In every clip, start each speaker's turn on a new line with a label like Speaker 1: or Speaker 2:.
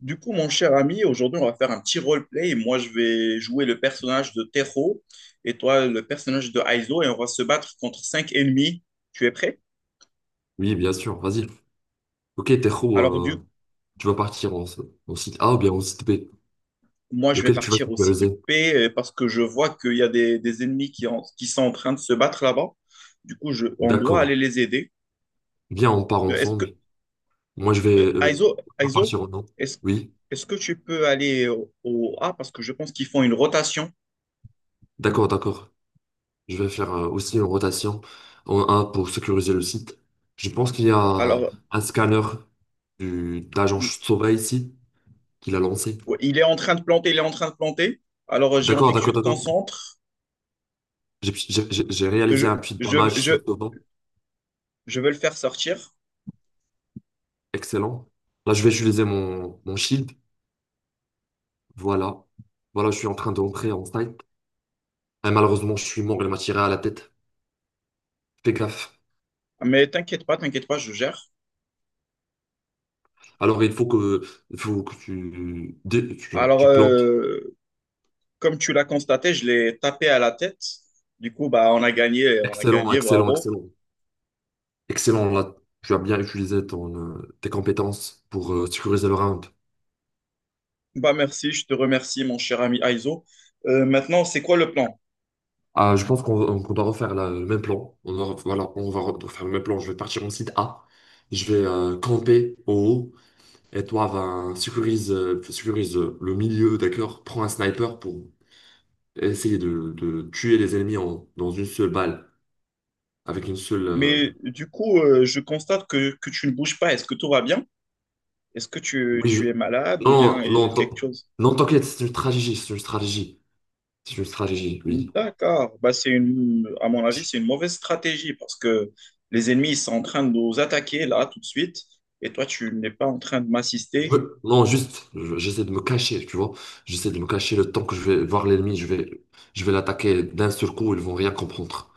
Speaker 1: Du coup, mon cher ami, aujourd'hui, on va faire un petit roleplay. Moi, je vais jouer le personnage de Tero et toi, le personnage de Aizo, et on va se battre contre cinq ennemis. Tu es prêt?
Speaker 2: Oui, bien sûr, vas-y. Ok, Tejo,
Speaker 1: Alors, du
Speaker 2: euh, tu vas partir en, en site A ou bien en site B.
Speaker 1: moi, je vais
Speaker 2: Lequel tu vas
Speaker 1: partir aussi de
Speaker 2: superviser?
Speaker 1: paix parce que je vois qu'il y a des ennemis qui sont en train de se battre là-bas. Du coup, on doit aller
Speaker 2: D'accord.
Speaker 1: les aider.
Speaker 2: Bien, on part
Speaker 1: Euh, Est-ce que,
Speaker 2: ensemble. Moi, je vais
Speaker 1: Aizo,
Speaker 2: on va partir en A.
Speaker 1: Est-ce,
Speaker 2: Oui,
Speaker 1: est-ce que tu peux aller au A parce que je pense qu'ils font une rotation.
Speaker 2: d'accord. Je vais faire aussi une rotation en A pour sécuriser le site. Je pense qu'il y a
Speaker 1: Alors,
Speaker 2: un scanner du, de l'agent Sova ici qu'il a lancé.
Speaker 1: ouais, il est en train de planter, il est en train de planter. Alors, j'ai envie que tu te
Speaker 2: D'accord.
Speaker 1: concentres.
Speaker 2: J'ai réalisé
Speaker 1: Je,
Speaker 2: un petit
Speaker 1: je,
Speaker 2: damage
Speaker 1: je,
Speaker 2: sur Sova.
Speaker 1: je vais le faire sortir.
Speaker 2: Excellent. Là, je vais utiliser mon, mon shield. Voilà. Voilà, je suis en train d'entrer en fight. Et malheureusement, je suis mort, elle m'a tiré à la tête. Fais gaffe.
Speaker 1: Mais t'inquiète pas, je gère.
Speaker 2: Alors, il faut que tu, tu, genre,
Speaker 1: Alors,
Speaker 2: tu plantes.
Speaker 1: comme tu l'as constaté, je l'ai tapé à la tête. Du coup, bah, on a gagné, bravo.
Speaker 2: Excellent. Excellent, là. Tu as bien utilisé ton, tes compétences pour sécuriser le round.
Speaker 1: Bah, merci, je te remercie, mon cher ami Aizo. Maintenant, c'est quoi le plan?
Speaker 2: Ah, je pense qu'on doit refaire le même plan. On va, voilà, on va refaire le même plan. Je vais partir en site A. Je vais camper au haut. Et toi, va sécurise, sécurise le milieu, d'accord? Prends un sniper pour essayer de tuer les ennemis dans une seule balle, avec une seule...
Speaker 1: Mais du coup, je constate que tu ne bouges pas. Est-ce que tout va bien? Est-ce que
Speaker 2: Oui,
Speaker 1: tu es malade ou bien
Speaker 2: non,
Speaker 1: quelque chose?
Speaker 2: non, t'inquiète, c'est une stratégie, oui.
Speaker 1: D'accord. Bah, à mon avis,
Speaker 2: Je-
Speaker 1: c'est une mauvaise stratégie parce que les ennemis ils sont en train de nous attaquer là tout de suite et toi, tu n'es pas en train de
Speaker 2: je
Speaker 1: m'assister.
Speaker 2: veux- Non, juste, j'essaie de me cacher, tu vois. J'essaie de me cacher le temps que je vais voir l'ennemi, je vais l'attaquer d'un seul coup, ils vont rien comprendre.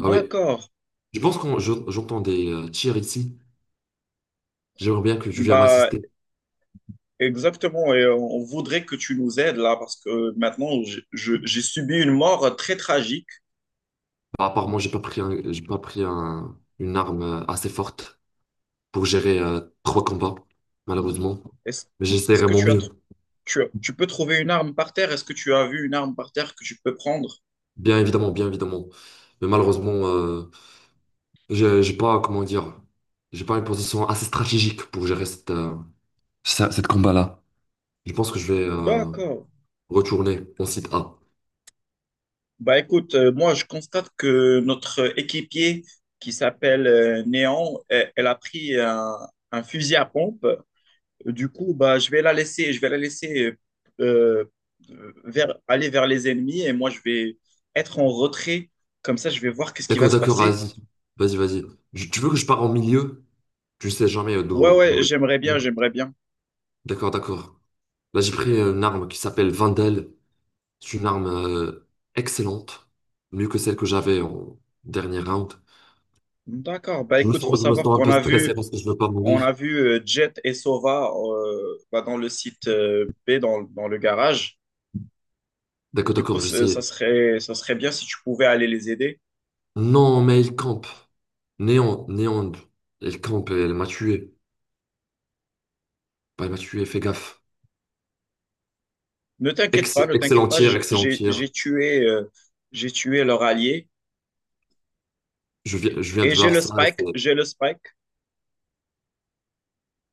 Speaker 2: Ah oui,
Speaker 1: D'accord.
Speaker 2: je pense que j'entends des tirs ici. J'aimerais bien que tu viennes
Speaker 1: Bah,
Speaker 2: m'assister.
Speaker 1: exactement. Et on voudrait que tu nous aides là parce que maintenant, j'ai subi une mort très tragique.
Speaker 2: Apparemment, j'ai pas pris une arme assez forte pour gérer trois combats, malheureusement.
Speaker 1: Est-ce,
Speaker 2: Mais
Speaker 1: est-ce
Speaker 2: j'essaierai
Speaker 1: que
Speaker 2: mon
Speaker 1: tu as, tr-
Speaker 2: mieux,
Speaker 1: tu as- Tu peux trouver une arme par terre? Est-ce que tu as vu une arme par terre que tu peux prendre?
Speaker 2: bien évidemment. Mais malheureusement, j'ai pas, comment dire, j'ai pas une position assez stratégique pour gérer cette, cette combat-là. Je pense que je vais
Speaker 1: D'accord.
Speaker 2: retourner en site A.
Speaker 1: Bah écoute, moi je constate que notre équipier qui s'appelle Néon, elle a pris un fusil à pompe. Du coup, bah je vais la laisser, je vais la laisser euh, aller vers les ennemis et moi je vais être en retrait. Comme ça, je vais voir qu'est-ce qui va se
Speaker 2: D'accord,
Speaker 1: passer.
Speaker 2: vas-y, vas-y. Je- Tu veux que je pars en milieu? Tu sais jamais
Speaker 1: Ouais,
Speaker 2: d'où.
Speaker 1: ouais, j'aimerais bien,
Speaker 2: Vient.
Speaker 1: j'aimerais bien.
Speaker 2: D'accord. Là, j'ai pris une arme qui s'appelle Vandal. C'est une arme excellente, mieux que celle que j'avais en dernier round.
Speaker 1: D'accord. Bah écoute, faut
Speaker 2: Je me sens
Speaker 1: savoir
Speaker 2: un
Speaker 1: qu'on
Speaker 2: peu
Speaker 1: a vu,
Speaker 2: stressé parce que je veux pas
Speaker 1: on a
Speaker 2: mourir.
Speaker 1: vu Jet et Sova bah, dans le site B, dans le garage. Du
Speaker 2: D'accord,
Speaker 1: coup,
Speaker 2: je sais.
Speaker 1: ça serait bien si tu pouvais aller les aider.
Speaker 2: Non, mais il campe. Néon, il campe et elle m'a tué. Bah, elle m'a tué, fais gaffe.
Speaker 1: Ne t'inquiète pas, ne t'inquiète
Speaker 2: Excellent
Speaker 1: pas,
Speaker 2: tir, excellent tir.
Speaker 1: j'ai tué leur allié
Speaker 2: Je viens de
Speaker 1: et j'ai
Speaker 2: voir
Speaker 1: le
Speaker 2: ça, et c'est
Speaker 1: Spike, j'ai le Spike.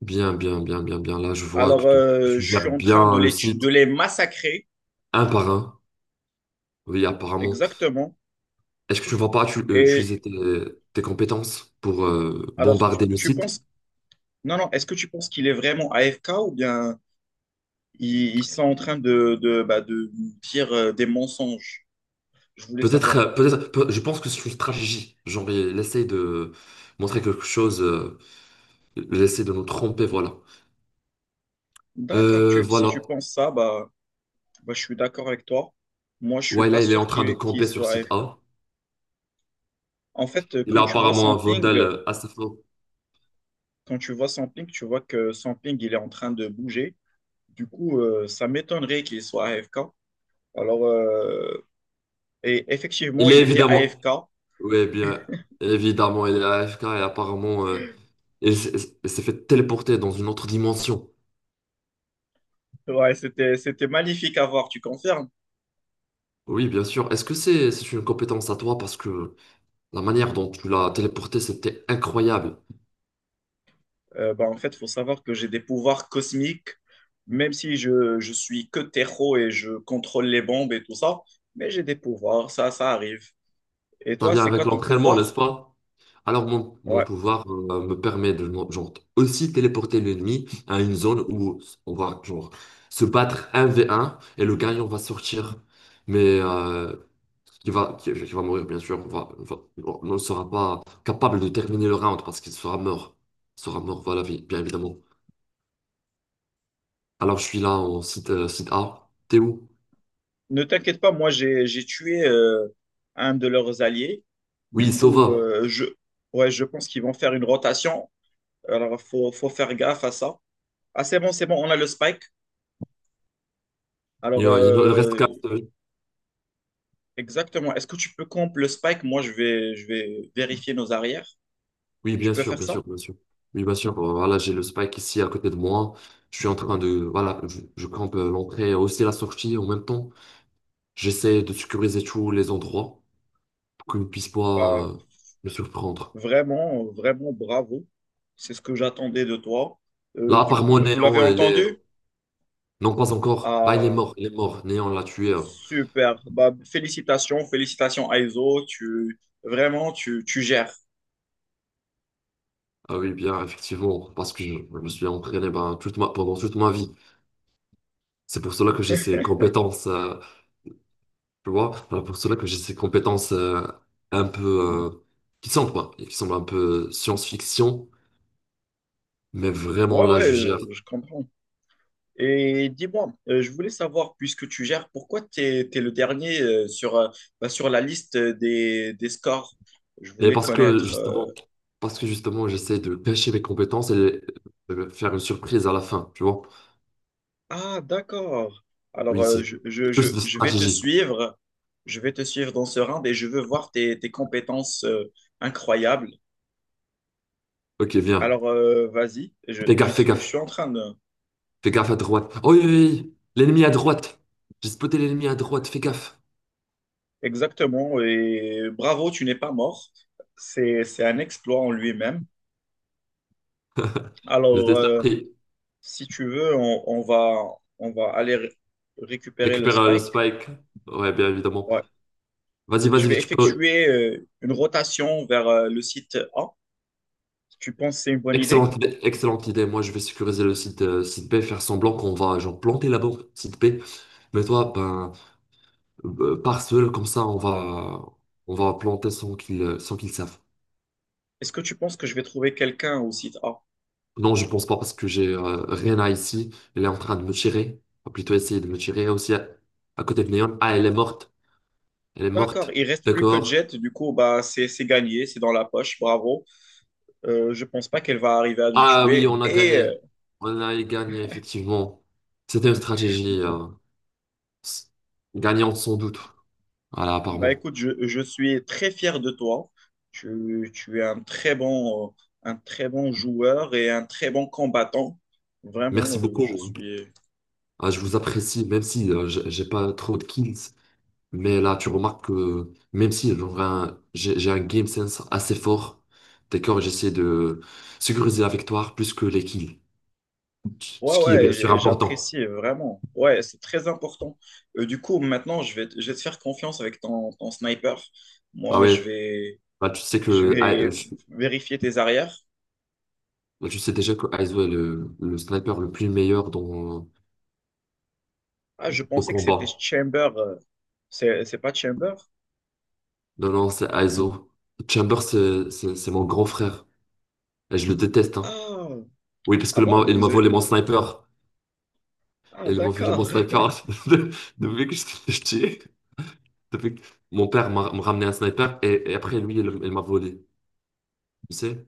Speaker 2: Bien. Là, je vois
Speaker 1: Alors,
Speaker 2: que tu
Speaker 1: je suis
Speaker 2: gères
Speaker 1: en train
Speaker 2: bien le
Speaker 1: de
Speaker 2: site,
Speaker 1: les massacrer,
Speaker 2: un par un. Oui, apparemment.
Speaker 1: exactement.
Speaker 2: Est-ce que tu ne vas pas
Speaker 1: Et
Speaker 2: utiliser tes, tes compétences pour
Speaker 1: alors,
Speaker 2: bombarder le
Speaker 1: tu
Speaker 2: site?
Speaker 1: penses, non, non, est-ce que tu penses qu'il est vraiment AFK ou bien ils sont en train bah, de dire des mensonges? Je voulais
Speaker 2: Peut-être,
Speaker 1: savoir.
Speaker 2: peut-être, je pense que c'est une stratégie. Genre, il essaye de montrer quelque chose. J'essaie de nous tromper, voilà.
Speaker 1: D'accord, si tu
Speaker 2: Voilà.
Speaker 1: penses ça, bah, bah, je suis d'accord avec toi. Moi, je suis
Speaker 2: Ouais, là,
Speaker 1: pas
Speaker 2: il est en
Speaker 1: sûr
Speaker 2: train de
Speaker 1: qu'il
Speaker 2: camper sur
Speaker 1: soit
Speaker 2: site
Speaker 1: AFK.
Speaker 2: A.
Speaker 1: En fait,
Speaker 2: Il
Speaker 1: quand
Speaker 2: a
Speaker 1: tu vois
Speaker 2: apparemment
Speaker 1: son
Speaker 2: un
Speaker 1: ping,
Speaker 2: Vondel à sa fin.
Speaker 1: quand tu vois son ping, tu vois que son ping, il est en train de bouger. Du coup, ça m'étonnerait qu'il soit AFK. Alors, et effectivement,
Speaker 2: Il est
Speaker 1: il était
Speaker 2: évidemment...
Speaker 1: AFK.
Speaker 2: Oui, bien. Évidemment, il est AFK et apparemment, il s'est fait téléporter dans une autre dimension.
Speaker 1: Ouais, c'était, c'était magnifique à voir, tu confirmes?
Speaker 2: Oui, bien sûr. Est-ce que c'est une compétence à toi? Parce que la manière dont tu l'as téléporté, c'était incroyable.
Speaker 1: Bah, en fait, il faut savoir que j'ai des pouvoirs cosmiques, même si je suis que terreau et je contrôle les bombes et tout ça, mais j'ai des pouvoirs, ça arrive. Et
Speaker 2: Ça
Speaker 1: toi,
Speaker 2: vient
Speaker 1: c'est quoi
Speaker 2: avec
Speaker 1: ton
Speaker 2: l'entraînement, n'est-ce
Speaker 1: pouvoir?
Speaker 2: pas? Alors mon
Speaker 1: Ouais.
Speaker 2: pouvoir me permet de genre, aussi téléporter l'ennemi à une zone où on va genre, se battre 1v1 et le gagnant va sortir. Mais qui va mourir, bien sûr. On va- on ne sera pas capable de terminer le round parce qu'il sera mort. Il sera mort, voilà, bien évidemment. Alors je suis là en site, site A. T'es où?
Speaker 1: Ne t'inquiète pas, moi j'ai tué un de leurs alliés. Du
Speaker 2: Oui,
Speaker 1: coup,
Speaker 2: Sova.
Speaker 1: je ouais, je pense qu'ils vont faire une rotation. Alors faut faire gaffe à ça. Ah c'est bon, on a le spike. Alors
Speaker 2: Il en reste quatre.
Speaker 1: exactement. Est-ce que tu peux comp le spike? Moi je vais vérifier nos arrières. Tu peux faire ça?
Speaker 2: Bien sûr. Oui, bien sûr. Voilà, j'ai le Spike ici à côté de moi. Je suis en train de, voilà, je campe l'entrée, aussi la sortie en même temps. J'essaie de sécuriser tous les endroits pour qu'ils ne puissent
Speaker 1: Bah,
Speaker 2: pas me surprendre.
Speaker 1: vraiment bravo. C'est ce que j'attendais de toi.
Speaker 2: Là, à
Speaker 1: Du
Speaker 2: part
Speaker 1: coup,
Speaker 2: moi,
Speaker 1: vous l'avez
Speaker 2: Néon, elle est...
Speaker 1: entendu?
Speaker 2: Non, pas encore. Bah, il est
Speaker 1: Ah,
Speaker 2: mort, il est mort. Néon l'a tué.
Speaker 1: super. Bah, félicitations, félicitations Aizo. Tu vraiment tu gères.
Speaker 2: Ah oui, bien, effectivement, parce que je me suis entraîné ben, toute ma, pendant toute ma vie. C'est pour cela que j'ai ces compétences. Tu vois, voilà pour cela que j'ai ces compétences un peu euh, qui semblent, quoi, et qui semblent un peu science-fiction, mais vraiment
Speaker 1: Ouais,
Speaker 2: là,
Speaker 1: ouais,
Speaker 2: je gère.
Speaker 1: je comprends. Et dis-moi, je voulais savoir, puisque tu gères, pourquoi tu es, le dernier bah, sur la liste des scores? Je
Speaker 2: Et
Speaker 1: voulais connaître.
Speaker 2: parce que justement, j'essaie de cacher mes compétences et de faire une surprise à la fin, tu vois.
Speaker 1: Ah, d'accord. Alors,
Speaker 2: Oui, c'est juste de
Speaker 1: je vais te
Speaker 2: stratégie.
Speaker 1: suivre. Je vais te suivre dans ce round et je veux voir tes, tes compétences incroyables.
Speaker 2: Ok, viens.
Speaker 1: Alors, vas-y,
Speaker 2: Fais
Speaker 1: je
Speaker 2: gaffe.
Speaker 1: suis en train de,
Speaker 2: Fais gaffe à droite. Oh oui. L'ennemi à droite. J'ai spoté l'ennemi à droite, fais gaffe.
Speaker 1: exactement, et bravo, tu n'es pas mort. C'est un exploit en lui-même. Alors,
Speaker 2: J'étais surpris.
Speaker 1: si tu veux, on va aller récupérer le
Speaker 2: Récupère le
Speaker 1: spike.
Speaker 2: spike. Ouais, bien évidemment.
Speaker 1: Ouais. Je vais
Speaker 2: Vas-y, tu peux.
Speaker 1: effectuer une rotation vers le site A. Tu penses que c'est une bonne idée?
Speaker 2: Excellente idée, excellente idée. Moi, je vais sécuriser le site, site B, faire semblant qu'on va genre planter la bombe site B. Mais toi, ben, par seul, comme ça, on va planter sans qu'ils, sans qu'ils savent.
Speaker 1: Est-ce que tu penses que je vais trouver quelqu'un au site A?
Speaker 2: Non, je pense pas parce que j'ai Rena ici. Elle est en train de me tirer. Ou plutôt essayer de me tirer aussi à côté de Neon. Ah, elle est morte. Elle est
Speaker 1: D'accord,
Speaker 2: morte.
Speaker 1: il reste plus que
Speaker 2: D'accord.
Speaker 1: Jet, du coup, bah, c'est gagné, c'est dans la poche, bravo. Je pense pas qu'elle va arriver à nous
Speaker 2: Ah oui,
Speaker 1: tuer
Speaker 2: on a
Speaker 1: et
Speaker 2: gagné. On a gagné, effectivement. C'était une stratégie s- gagnante sans doute. Voilà,
Speaker 1: bah
Speaker 2: apparemment.
Speaker 1: écoute, je suis très fier de toi. Tu es un très bon joueur et un très bon combattant. Vraiment,
Speaker 2: Merci
Speaker 1: je
Speaker 2: beaucoup.
Speaker 1: suis...
Speaker 2: Ah, je vous apprécie, même si j'ai pas trop de kills. Mais là, tu remarques que même si j'ai un game sense assez fort, d'accord, j'essaie de sécuriser la victoire plus que les kills.
Speaker 1: Ouais,
Speaker 2: Ce qui est bien
Speaker 1: ouais,
Speaker 2: sûr important.
Speaker 1: j'apprécie vraiment. Ouais, c'est très important. Du coup, maintenant, je vais te faire confiance avec ton, ton sniper.
Speaker 2: Ah
Speaker 1: Moi,
Speaker 2: ouais, bah, tu sais
Speaker 1: je
Speaker 2: que ah,
Speaker 1: vais vérifier tes arrières.
Speaker 2: bah, tu sais déjà que Aizo est le sniper le plus meilleur dans,
Speaker 1: Ah, je
Speaker 2: au
Speaker 1: pensais que c'était
Speaker 2: combat.
Speaker 1: Chamber. C'est pas Chamber?
Speaker 2: Non, non, c'est Aizo. Chamber, c'est mon grand frère. Et je le déteste, hein.
Speaker 1: Ah,
Speaker 2: Oui, parce
Speaker 1: ah
Speaker 2: que
Speaker 1: bon,
Speaker 2: il
Speaker 1: vous,
Speaker 2: m'a volé mon
Speaker 1: vous...
Speaker 2: sniper.
Speaker 1: Ah,
Speaker 2: Et les, mon, j'ai mon
Speaker 1: d'accord.
Speaker 2: sniper, de- depuis que j'étais petit, depuis que mon père me ramenait un sniper, et après, lui, il m'a volé. Tu sais?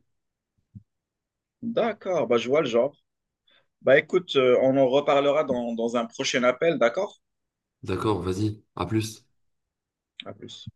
Speaker 1: D'accord, bah, je vois le genre. Bah écoute, on en reparlera dans, dans un prochain appel, d'accord?
Speaker 2: D'accord, vas-y, à plus.
Speaker 1: À plus.